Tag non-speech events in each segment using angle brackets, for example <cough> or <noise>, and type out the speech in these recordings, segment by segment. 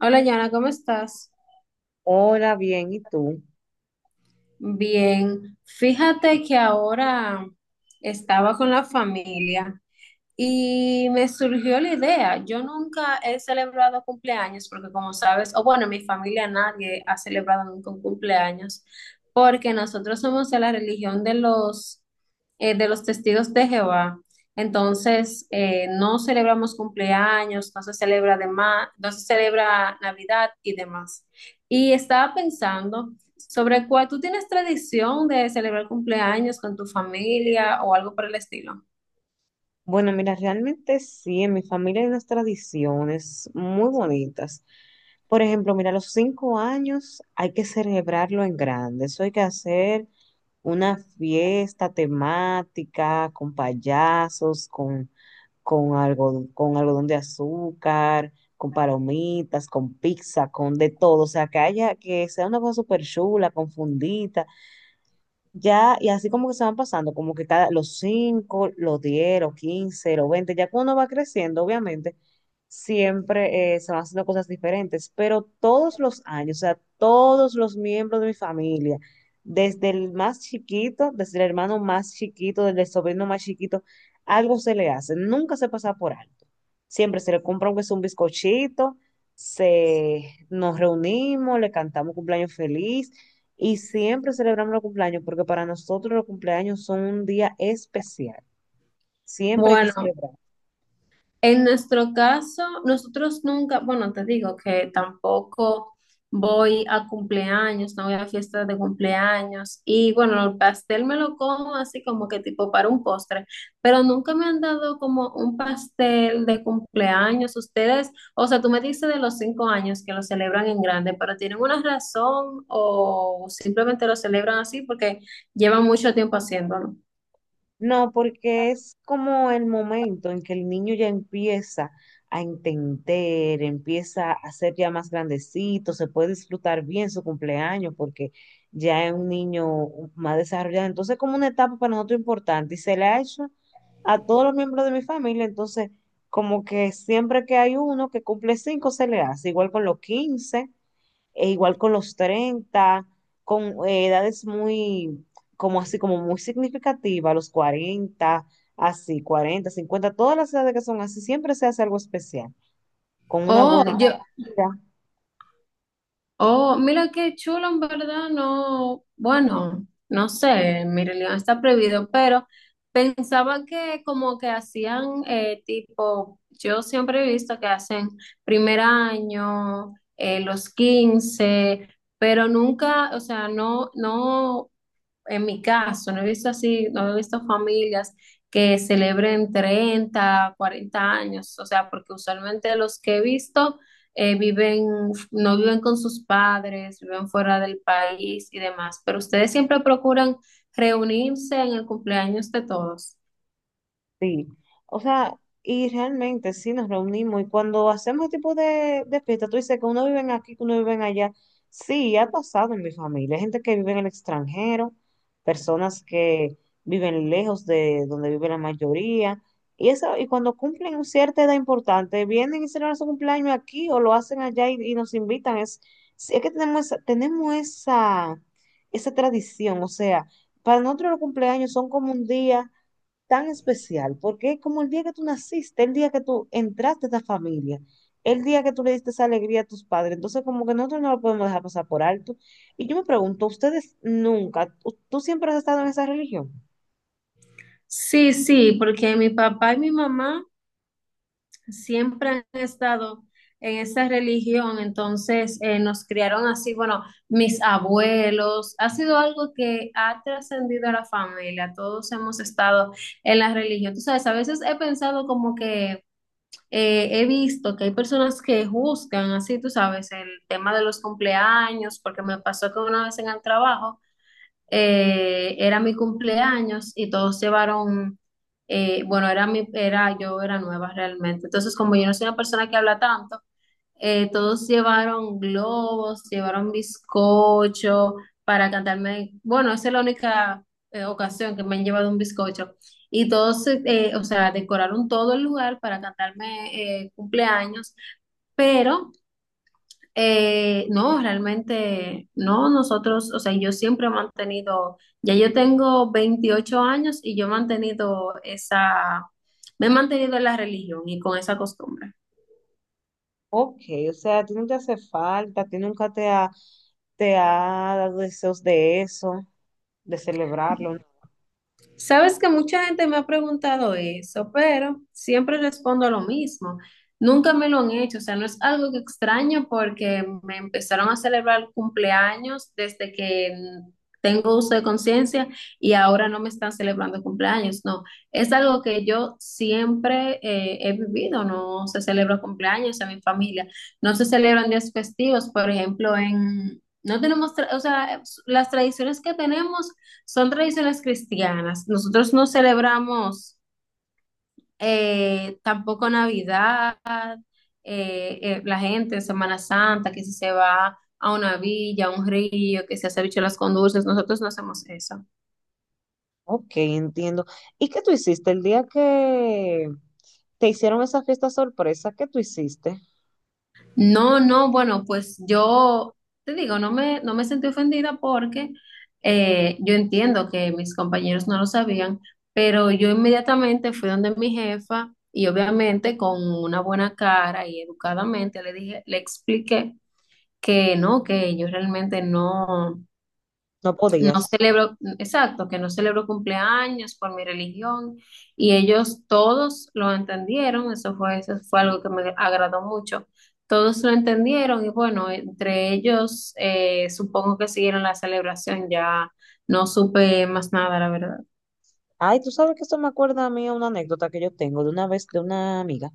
Hola, Yana, ¿cómo estás? Hola, bien, ¿y tú? Bien, fíjate que ahora estaba con la familia. Y me surgió la idea. Yo nunca he celebrado cumpleaños porque, como sabes, o bueno, en mi familia nadie ha celebrado nunca un cumpleaños porque nosotros somos de la religión de los testigos de Jehová. Entonces, no celebramos cumpleaños, no se celebra demás, no se celebra Navidad y demás. Y estaba pensando sobre cuál tú tienes tradición de celebrar cumpleaños con tu familia o algo por el estilo. Bueno, mira, realmente sí, en mi familia hay unas tradiciones muy bonitas. Por ejemplo, mira, a los 5 años hay que celebrarlo en grande. Eso hay que hacer una fiesta temática con payasos, con algodón, con algodón de azúcar, con palomitas, con pizza, con de todo. O sea, que haya, que sea una cosa súper chula, confundida. Ya, y así como que se van pasando, los 5, los 10, los 15, los 20, ya cuando uno va creciendo, obviamente, siempre se van haciendo cosas diferentes, pero todos los años, o sea, todos los miembros de mi familia, desde el más chiquito, desde el hermano más chiquito, desde el sobrino más chiquito, algo se le hace, nunca se pasa por alto. Siempre se le compra aunque sea un bizcochito, se, nos reunimos, le cantamos cumpleaños feliz y siempre celebramos los cumpleaños porque para nosotros los cumpleaños son un día especial. Siempre hay que Bueno, celebrar. en nuestro caso, nosotros nunca, bueno, te digo que tampoco voy a cumpleaños, no voy a fiestas de cumpleaños y bueno, el pastel me lo como así como que tipo para un postre, pero nunca me han dado como un pastel de cumpleaños. Ustedes, o sea, tú me dices de los 5 años que lo celebran en grande, pero ¿tienen una razón o simplemente lo celebran así porque llevan mucho tiempo haciéndolo? No, porque es como el momento en que el niño ya empieza a entender, empieza a ser ya más grandecito, se puede disfrutar bien su cumpleaños porque ya es un niño más desarrollado. Entonces, como una etapa para nosotros importante, y se le ha hecho a todos los miembros de mi familia. Entonces, como que siempre que hay uno que cumple 5, se le hace. Igual con los 15 e igual con los 30, con edades muy, como así, como muy significativas, los 40, así, 40, 50, todas las edades que son así, siempre se hace algo especial, con una Oh, buena yo, comida. Oh, mira qué chulo, en verdad. No, bueno, no sé, Mirelión está prohibido, pero pensaba que como que hacían tipo, yo siempre he visto que hacen primer año, los 15, pero nunca, o sea, no, no, en mi caso, no he visto así, no he visto familias que celebren 30, 40 años, o sea, porque usualmente los que he visto viven, no viven con sus padres, viven fuera del país y demás, pero ustedes siempre procuran reunirse en el cumpleaños de todos. Sí, o sea, y realmente sí nos reunimos, y cuando hacemos este tipo de fiesta, tú dices que uno vive aquí, que uno vive allá. Sí, ha pasado en mi familia. Hay gente que vive en el extranjero, personas que viven lejos de donde vive la mayoría. Y eso, y cuando cumplen una cierta edad importante, vienen y celebran su cumpleaños aquí o lo hacen allá y nos invitan. Sí, es que tenemos esa tradición. O sea, para nosotros los cumpleaños son como un día tan especial, porque es como el día que tú naciste, el día que tú entraste a esta familia, el día que tú le diste esa alegría a tus padres. Entonces, como que nosotros no lo podemos dejar pasar por alto. Y yo me pregunto, ¿ustedes nunca, tú siempre has estado en esa religión? Sí, sí, porque mi papá y mi mamá siempre han estado en esa religión. Entonces, nos criaron así. Bueno, mis abuelos, ha sido algo que ha trascendido a la familia, todos hemos estado en la religión. Tú sabes, a veces he pensado como que he visto que hay personas que juzgan así, tú sabes, el tema de los cumpleaños, porque me pasó que una vez en el trabajo era mi cumpleaños y todos bueno, yo era nueva realmente. Entonces, como yo no soy una persona que habla tanto, todos llevaron globos, llevaron bizcocho para cantarme. Bueno, esa es la única ocasión que me han llevado un bizcocho. Y todos, o sea, decoraron todo el lugar para cantarme cumpleaños, pero no, realmente no, nosotros, o sea, yo siempre he mantenido, ya yo tengo 28 años y yo he mantenido me he mantenido en la religión y con esa costumbre. Ok, o sea, a ti no te hace falta, a ti nunca te ha dado deseos de eso, de celebrarlo, ¿no? Sabes que mucha gente me ha preguntado eso, pero siempre respondo lo mismo. Nunca me lo han hecho, o sea, no es algo que extraño porque me empezaron a celebrar cumpleaños desde que tengo uso de conciencia y ahora no me están celebrando cumpleaños, no. Es algo que yo siempre he vivido, no se celebra cumpleaños en mi familia, no se celebran días festivos. Por ejemplo, no tenemos, o sea, las tradiciones que tenemos. Son tradiciones cristianas. Nosotros no celebramos tampoco Navidad, la gente en Semana Santa, que si se va a una villa, a un río, que se hace bicho las con dulces. Nosotros no hacemos eso. Ok, entiendo. ¿Y qué tú hiciste el día que te hicieron esa fiesta sorpresa? ¿Qué tú hiciste? No, no, bueno, pues yo te digo, no me sentí ofendida porque yo entiendo que mis compañeros no lo sabían, pero yo inmediatamente fui donde mi jefa y obviamente con una buena cara y educadamente le dije, le expliqué que no, que yo realmente no. No No podías. celebro, exacto, que no celebro cumpleaños por mi religión y ellos todos lo entendieron, eso fue algo que me agradó mucho, todos lo entendieron y bueno, entre ellos supongo que siguieron la celebración, ya no supe más nada, la verdad. Ay, tú sabes que esto me acuerda a mí a una anécdota que yo tengo de una vez de una amiga.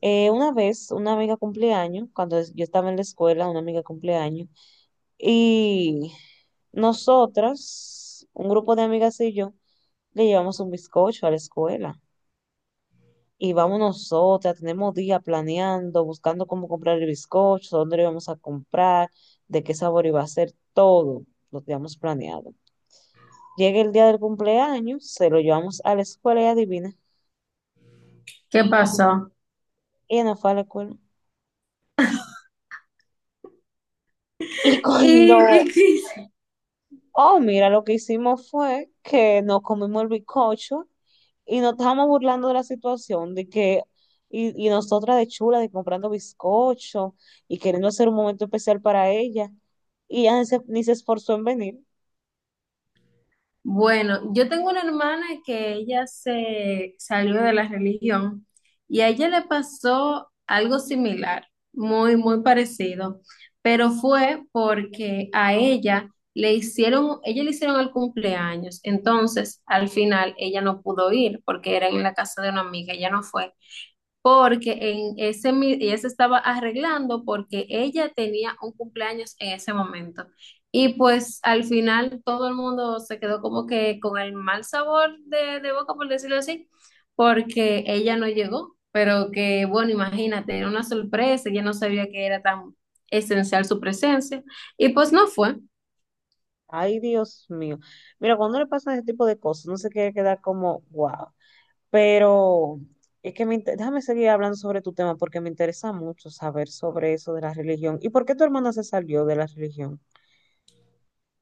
Una vez, una amiga cumpleaños, yo estaba en la escuela, una amiga cumpleaños, y nosotras, un grupo de amigas y yo, le llevamos un bizcocho a la escuela. Y vamos nosotras, tenemos días planeando, buscando cómo comprar el bizcocho, dónde lo íbamos a comprar, de qué sabor iba a ser, todo lo teníamos planeado. Llega el día del cumpleaños, se lo llevamos a la escuela y adivina, ¿Qué pasó? ella no fue a la escuela. Y <laughs> cuando, Y qué? oh, mira, lo que hicimos fue que nos comimos el bizcocho y nos estábamos burlando de la situación, y nosotras de chula, de comprando bizcocho y queriendo hacer un momento especial para ella. Y ella ni se esforzó en venir. Bueno, yo tengo una hermana que ella se salió de la religión y a ella le pasó algo similar, muy, muy parecido, pero fue porque a ella le hicieron el cumpleaños, entonces al final ella no pudo ir porque era en la casa de una amiga, ella no fue porque ella se estaba arreglando porque ella tenía un cumpleaños en ese momento. Y pues al final todo el mundo se quedó como que con el mal sabor de boca, por decirlo así, porque ella no llegó, pero que bueno, imagínate, era una sorpresa, ella no sabía que era tan esencial su presencia, y pues no fue. Ay, Dios mío. Mira, cuando le pasan ese tipo de cosas, no se quiere quedar como, wow. Pero es que déjame seguir hablando sobre tu tema porque me interesa mucho saber sobre eso de la religión. ¿Y por qué tu hermana se salió de la religión?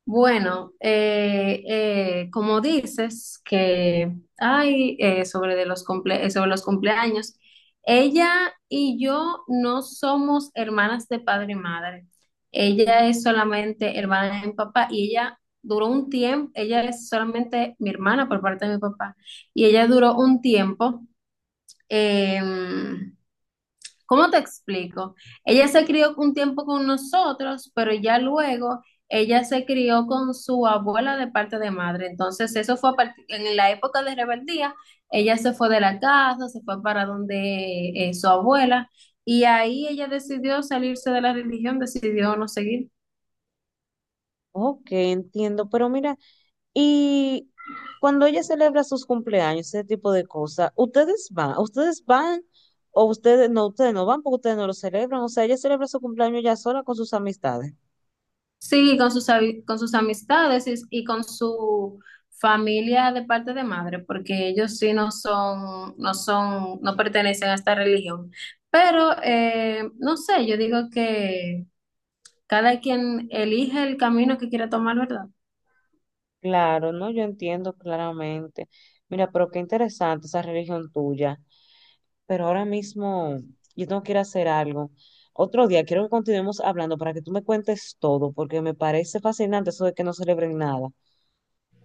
Bueno, como dices que hay sobre los cumpleaños, ella y yo no somos hermanas de padre y madre. Ella es solamente hermana de mi papá y ella duró un tiempo, ella es solamente mi hermana por parte de mi papá y ella duró un tiempo. em, ¿Cómo te explico? Ella se crió un tiempo con nosotros, pero ya luego ella se crió con su abuela de parte de madre. Entonces, eso fue en la época de rebeldía. Ella se fue de la casa, se fue para donde su abuela, y ahí ella decidió salirse de la religión, decidió no seguir. Ok, entiendo, pero mira, y cuando ella celebra sus cumpleaños, ese tipo de cosas, ¿ustedes van? ¿Ustedes van o ustedes no van porque ustedes no lo celebran? O sea, ella celebra su cumpleaños ya sola con sus amistades. Sí, con sus amistades y con su familia de parte de madre, porque ellos sí no pertenecen a esta religión. Pero, no sé, yo digo que cada quien elige el camino que quiera tomar, ¿verdad? Claro, no, yo entiendo claramente. Mira, pero qué interesante esa religión tuya. Pero ahora mismo yo tengo que ir a hacer algo. Otro día quiero que continuemos hablando para que tú me cuentes todo, porque me parece fascinante eso de que no celebren nada.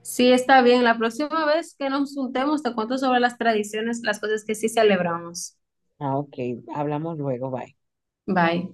Sí, está bien. La próxima vez que nos juntemos, te cuento sobre las tradiciones, las cosas que sí celebramos. Ah, ok, hablamos luego, bye. Bye.